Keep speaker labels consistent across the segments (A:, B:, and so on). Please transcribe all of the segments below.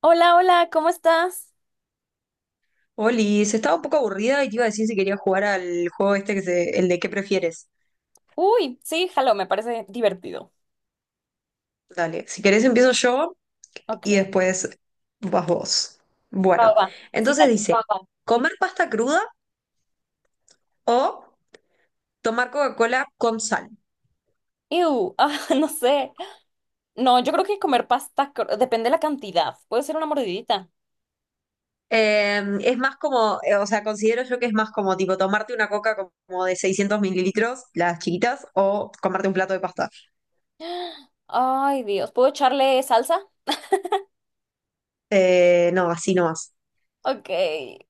A: Hola, hola, ¿cómo estás?
B: Oli, se estaba un poco aburrida y te iba a decir si quería jugar al juego este el de qué prefieres.
A: Uy, sí, jalo, me parece divertido.
B: Dale, si querés empiezo yo y
A: Ok.
B: después vas vos.
A: Va, va,
B: Bueno,
A: va. Sí,
B: entonces
A: dale.
B: dice, Vamos. ¿Comer pasta cruda o tomar Coca-Cola con sal?
A: Ew, ah, no sé. No, yo creo que comer pasta, depende de la cantidad. Puede ser una mordidita.
B: Es más como, o sea, considero yo que es más como tipo tomarte una coca como de 600 ml, las chiquitas, o comerte un plato de pasta.
A: Ay, Dios, ¿puedo echarle salsa?
B: No, así no más.
A: Ok.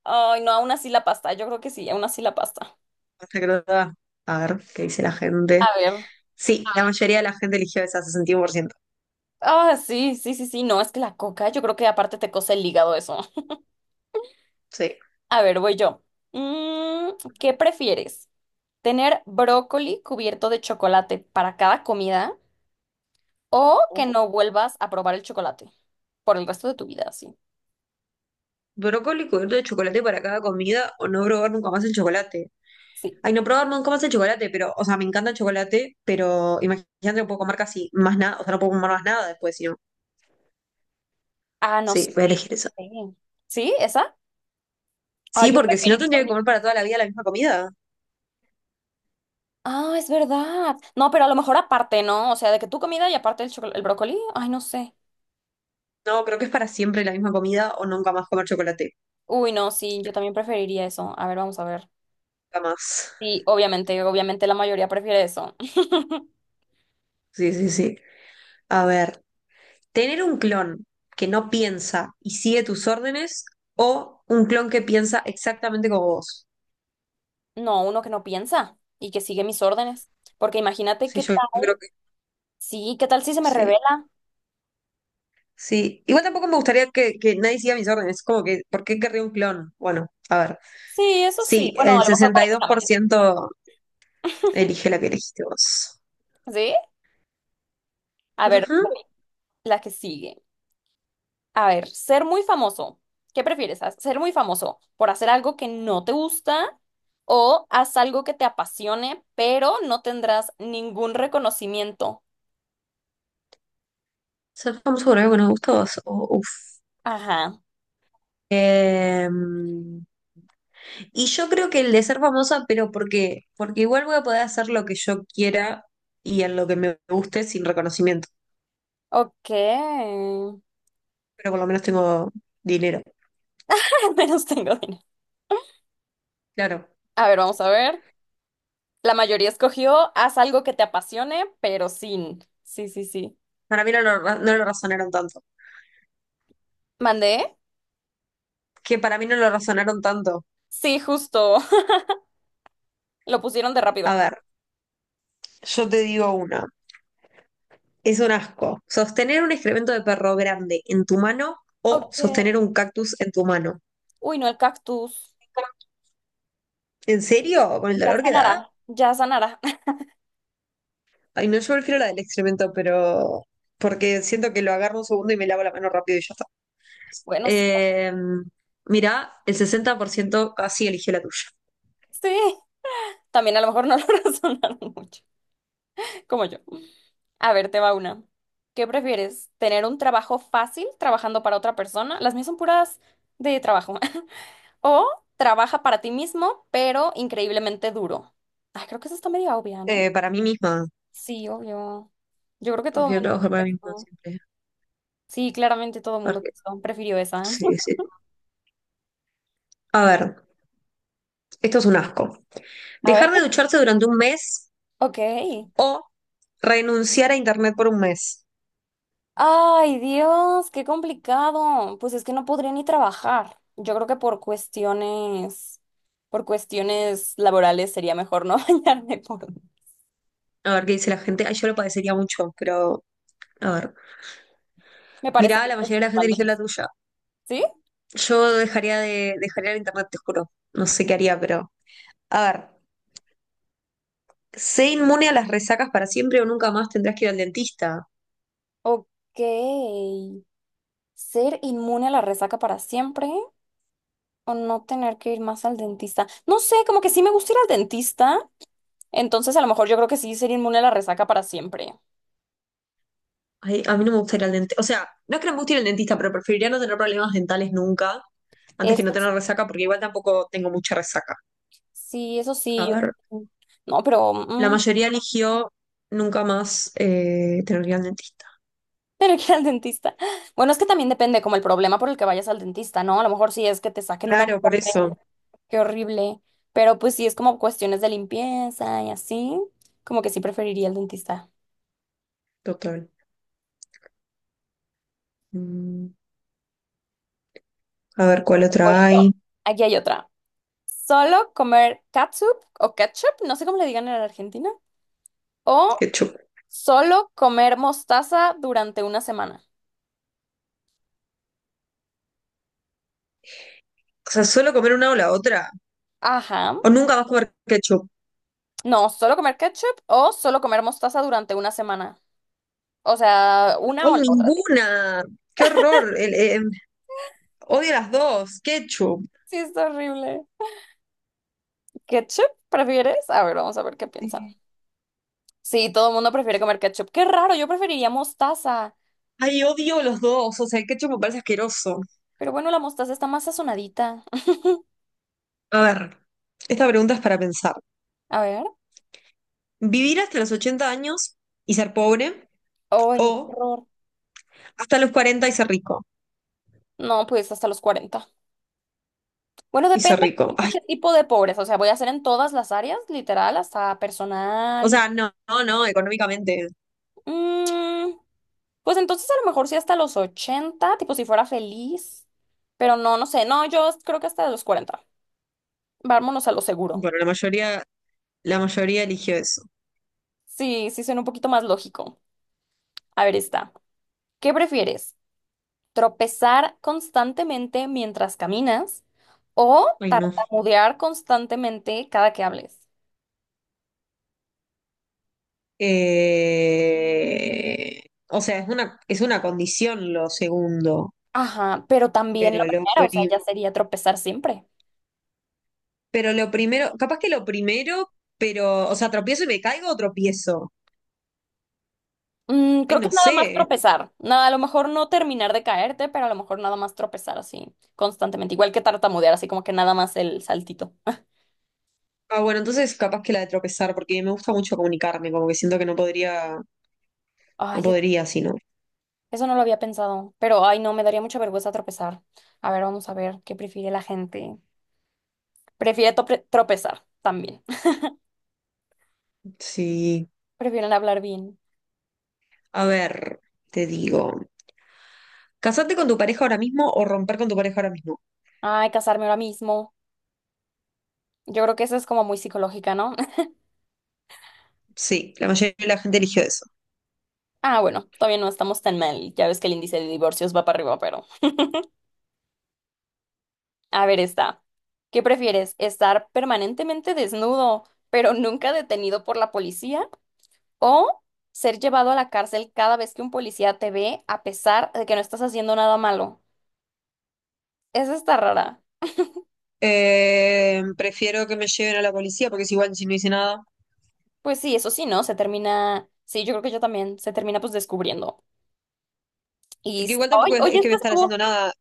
A: Ay, no, aún así la pasta. Yo creo que sí, aún así la pasta.
B: Pasta cruda. A ver, ¿qué dice la gente?
A: A ver.
B: Sí, la ah, mayoría de la gente eligió esa, 61%.
A: Ah, sí, sí, sí, sí. No, es que la coca, yo creo que aparte te cose el hígado eso.
B: Sí.
A: A ver, voy yo. Mm, ¿Qué prefieres? Tener brócoli cubierto de chocolate para cada comida o que no vuelvas a probar el chocolate por el resto de tu vida, sí.
B: Brócoli cubierto de chocolate para cada comida o no probar nunca más el chocolate.
A: Sí.
B: Ay, no probar nunca más el chocolate, pero, o sea, me encanta el chocolate, pero imagínate, no puedo comer casi más nada, o sea, no puedo comer más nada después, si no.
A: Ah, no sé.
B: Sí, voy a elegir eso.
A: Sí, ¿sí? ¿Esa? Ah,
B: Sí,
A: yo
B: porque si no
A: preferiría.
B: tendría que comer para toda la vida la misma comida.
A: Ah, es verdad. No, pero a lo mejor aparte, ¿no? O sea, de que tu comida y aparte el chocolate, el brócoli. Ay, no sé.
B: No, creo que es para siempre la misma comida o nunca más comer chocolate.
A: Uy, no, sí, yo también preferiría eso. A ver, vamos a ver.
B: Nunca más.
A: Sí, obviamente, obviamente la mayoría prefiere eso.
B: Sí, sí, sí. A ver, tener un clon que no piensa y sigue tus órdenes o un clon que piensa exactamente como vos.
A: No, uno que no piensa y que sigue mis órdenes. Porque imagínate
B: Sí,
A: qué
B: yo
A: tal.
B: creo que
A: Sí, ¿qué tal si se me
B: sí.
A: revela?
B: Sí, igual tampoco me gustaría que nadie siga mis órdenes, como que, ¿por qué querría un clon? Bueno, a ver,
A: Sí, eso sí.
B: sí,
A: Bueno,
B: el
A: a lo mejor
B: sesenta
A: para
B: y dos por
A: exámenes.
B: ciento elige la que elegiste vos.
A: ¿Sí? A ver, voy.
B: Ujú.
A: La que sigue. A ver, ser muy famoso. ¿Qué prefieres? ¿Ser muy famoso por hacer algo que no te gusta o haz algo que te apasione, pero no tendrás ningún reconocimiento?
B: Ser famoso por algo que nos gusta a vos. Uf.
A: Ajá.
B: Em, y yo creo que el de ser famosa, pero porque igual voy a poder hacer lo que yo quiera y en lo que me guste sin reconocimiento,
A: Ok. Al
B: pero por lo menos tengo dinero.
A: menos tengo dinero.
B: Claro,
A: A ver, vamos a ver. La mayoría escogió haz algo que te apasione, pero sin. Sí, sí, sí.
B: para mí no lo razonaron tanto.
A: ¿Mandé?
B: Que para mí no lo razonaron tanto.
A: Sí, justo. Lo pusieron de
B: A
A: rápido.
B: ver, yo te digo una. Es un asco. Sostener un excremento de perro grande en tu mano o
A: Ok.
B: sostener un cactus en tu mano.
A: Uy, no, el cactus.
B: ¿En serio? ¿Con el
A: Ya
B: dolor que da?
A: sanará. Ya sanará.
B: Ay, no, yo prefiero la del excremento, pero porque siento que lo agarro un segundo y me lavo la mano rápido y ya está.
A: Bueno, sí, también.
B: Eh, Mirá, el 60% casi eligió la tuya.
A: Sí, también a lo mejor no lo razonaron mucho, como yo. A ver, te va una. ¿Qué prefieres? ¿Tener un trabajo fácil trabajando para otra persona? Las mías son puras de trabajo. O trabaja para ti mismo, pero increíblemente duro. Ay, creo que eso está medio obvia, ¿no?
B: Para mí misma,
A: Sí, obvio. Yo creo que todo el
B: prefiero
A: mundo
B: trabajar para mí misma
A: contestó.
B: siempre.
A: Sí, claramente todo el mundo
B: Porque-
A: contestó. Prefirió esa.
B: sí, sí. A ver, esto es un asco.
A: A ver.
B: Dejar de ducharse durante un mes
A: Ok.
B: o renunciar a internet por un mes.
A: Ay, Dios, qué complicado. Pues es que no podría ni trabajar. Yo creo que por cuestiones laborales sería mejor no bañarme por.
B: A ver qué dice la gente. Ay, yo lo padecería mucho, pero a ver.
A: Me
B: Mirá,
A: parecería
B: la
A: que
B: mayoría de la gente
A: van de
B: eligió
A: mí.
B: la tuya.
A: ¿Sí?
B: Yo dejaría el internet, te juro. No sé qué haría, pero. A ver, sé inmune a las resacas para siempre o nunca más tendrás que ir al dentista.
A: Ok. ¿Ser inmune a la resaca para siempre o no tener que ir más al dentista? No sé, como que sí me gusta ir al dentista. Entonces a lo mejor yo creo que sí ser inmune a la resaca para siempre.
B: Ay, a mí no me gusta ir al dentista. O sea, no es que no me guste ir al dentista, pero preferiría no tener problemas dentales nunca, antes que no
A: Eso
B: tener resaca, porque igual tampoco tengo mucha resaca.
A: sí, eso
B: A
A: sí.
B: ver,
A: Yo. No, pero...
B: la
A: mm,
B: mayoría eligió nunca más tener que ir al dentista.
A: Pero que ir al dentista. Bueno, es que también depende como el problema por el que vayas al dentista, ¿no? A lo mejor sí es que te saquen una
B: Claro, por
A: muela,
B: eso.
A: qué horrible. Pero pues sí es como cuestiones de limpieza y así, como que sí preferiría el dentista.
B: Total. Mm. A ver cuál
A: Voy
B: otra
A: yo.
B: hay.
A: Aquí hay otra. Solo comer catsup o ketchup, no sé cómo le digan en Argentina, o
B: Ketchup.
A: solo comer mostaza durante una semana.
B: O sea, solo comer una o la otra.
A: Ajá.
B: O nunca vas a comer ketchup.
A: No, solo comer ketchup o solo comer mostaza durante una semana. O sea, una
B: ¡Ay,
A: o la otra.
B: ninguna! ¡Qué horror! Odio las dos. Ketchup.
A: Sí, es horrible. ¿Ketchup prefieres? A ver, vamos a ver qué piensa. Sí, todo el mundo prefiere comer ketchup. Qué raro, yo preferiría mostaza.
B: Ay, odio los dos. O sea, el ketchup me parece asqueroso.
A: Pero bueno, la mostaza está más sazonadita.
B: A ver, esta pregunta es para pensar.
A: A ver.
B: ¿Vivir hasta los 80 años y ser pobre?
A: ¡Ay, qué
B: ¿O
A: horror!
B: hasta los 40 y ser rico?
A: No, pues hasta los 40. Bueno,
B: Y
A: depende
B: ser rico. Ay,
A: qué tipo de pobreza. O sea, voy a hacer en todas las áreas, literal, hasta
B: o
A: personal y.
B: sea, no, no, no, económicamente.
A: Mm, pues entonces a lo mejor sí hasta los 80, tipo si fuera feliz. Pero no, no sé. No, yo creo que hasta los 40. Vámonos a lo seguro.
B: Bueno, la mayoría eligió eso.
A: Sí, sí suena un poquito más lógico. A ver, está. ¿Qué prefieres? Tropezar constantemente mientras caminas o
B: Ay, no.
A: tartamudear constantemente cada que hables.
B: Eh, o sea, es una condición lo segundo,
A: Ajá, pero también la
B: pero lo,
A: primera, o sea,
B: pri-
A: ya sería tropezar siempre.
B: pero lo primero, capaz que lo primero, pero, o sea, tropiezo y me caigo o tropiezo. Ay,
A: Creo que
B: no
A: nada más
B: sé.
A: tropezar. Nada, a lo mejor no terminar de caerte, pero a lo mejor nada más tropezar así constantemente. Igual que tartamudear, así como que nada más el saltito.
B: Ah, bueno, entonces capaz que la de tropezar, porque me gusta mucho comunicarme, como que siento que no podría, no
A: Ay,
B: podría, sino.
A: eso no lo había pensado, pero ay, no, me daría mucha vergüenza tropezar. A ver, vamos a ver qué prefiere la gente. Prefiere tropezar también.
B: Sí.
A: Prefieren hablar bien.
B: A ver, te digo. ¿Casarte con tu pareja ahora mismo o romper con tu pareja ahora mismo?
A: Ay, casarme ahora mismo. Yo creo que eso es como muy psicológica, ¿no?
B: Sí, la mayoría de la gente eligió eso.
A: Ah, bueno, todavía no estamos tan mal. Ya ves que el índice de divorcios va para arriba, pero a ver, está. ¿Qué prefieres? ¿Estar permanentemente desnudo, pero nunca detenido por la policía? ¿O ser llevado a la cárcel cada vez que un policía te ve, a pesar de que no estás haciendo nada malo? Esa está rara.
B: Prefiero que me lleven a la policía porque es igual si no hice nada.
A: Pues sí, eso sí, ¿no? Se termina. Sí, yo creo que yo también. Se termina pues descubriendo. Y.
B: Porque igual
A: ¡Ay!
B: tampoco es,
A: Oye,
B: es que voy a
A: esto
B: estar
A: estuvo.
B: haciendo nada.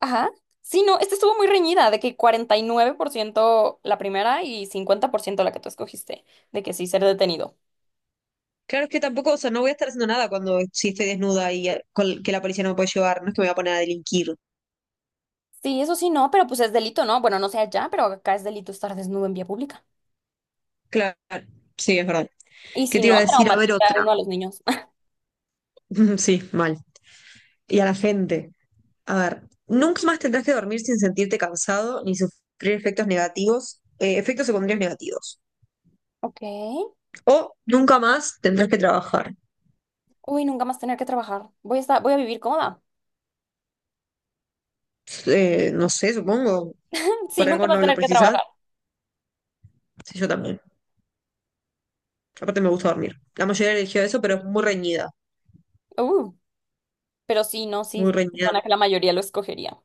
A: Ajá. Sí, no, esta estuvo muy reñida, de que 49% la primera y 50% la que tú escogiste, de que sí ser detenido.
B: Claro, es que tampoco, o sea, no voy a estar haciendo nada cuando si estoy desnuda y que la policía no me puede llevar. No es que me voy a poner a delinquir.
A: Sí, eso sí, no, pero pues es delito, ¿no? Bueno, no sé allá, pero acá es delito estar desnudo en vía pública.
B: Claro, sí, es verdad.
A: Y si
B: ¿Qué te
A: no,
B: iba a decir? A ver
A: traumatiza a
B: otra.
A: uno a los niños.
B: Sí, mal. Y a la gente. A ver, nunca más tendrás que dormir sin sentirte cansado ni sufrir efectos secundarios negativos.
A: Ok.
B: O nunca más tendrás que trabajar.
A: Uy, nunca más tener que trabajar. Voy a estar, voy a vivir cómoda.
B: No sé, supongo.
A: Sí,
B: Por
A: nunca
B: algo
A: más
B: no lo
A: tener que
B: precisas,
A: trabajar.
B: sí, yo también. Aparte me gusta dormir. La mayoría eligió eso, pero es muy reñida,
A: Uh, pero sí, no,
B: muy
A: sí, bueno,
B: reñida.
A: que la mayoría lo escogería.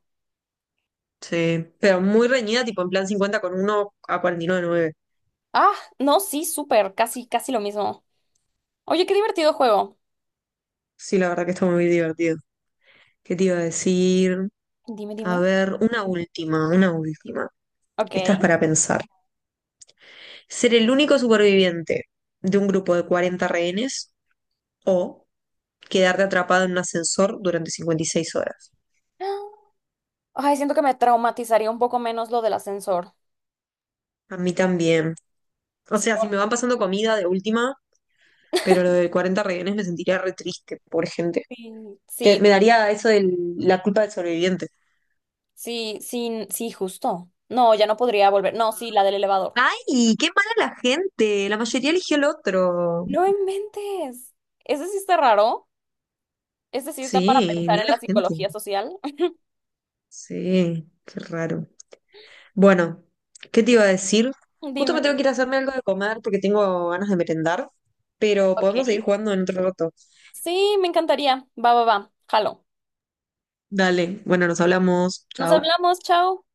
B: Sí, pero muy reñida, tipo en plan 50 con uno a cuarenta y nueve.
A: Ah, no, sí, súper, casi, casi lo mismo. Oye, qué divertido juego.
B: Sí, la verdad que está muy divertido. ¿Qué te iba a decir?
A: Dime,
B: A
A: dime.
B: ver, una última, una última. Esta
A: Ok.
B: es para pensar. ¿Ser el único superviviente de un grupo de 40 rehenes o quedarte atrapado en un ascensor durante 56 horas?
A: Ay, siento que me traumatizaría un poco menos lo del ascensor.
B: A mí también. O
A: Sí,
B: sea, si me van pasando comida de última, pero lo de 40 rehenes me sentiría re triste, pobre gente.
A: sí, sí,
B: Me daría eso de la culpa del sobreviviente.
A: sí, sí, sí, justo. No, ya no podría volver. No, sí, la del elevador.
B: ¡Ay, qué mala la gente! La mayoría eligió el otro.
A: No inventes. Ese sí está raro. Ese sí está para
B: Sí,
A: pensar
B: mira
A: en
B: la
A: la
B: gente.
A: psicología social.
B: Sí, qué raro. Bueno, ¿qué te iba a decir? Justo me
A: Dime.
B: tengo que ir a hacerme algo de comer porque tengo ganas de merendar, pero
A: Ok.
B: podemos seguir jugando en otro rato.
A: Sí, me encantaría. Va, va, va. Jalo.
B: Dale, bueno, nos hablamos.
A: Nos
B: Chao.
A: hablamos, chao.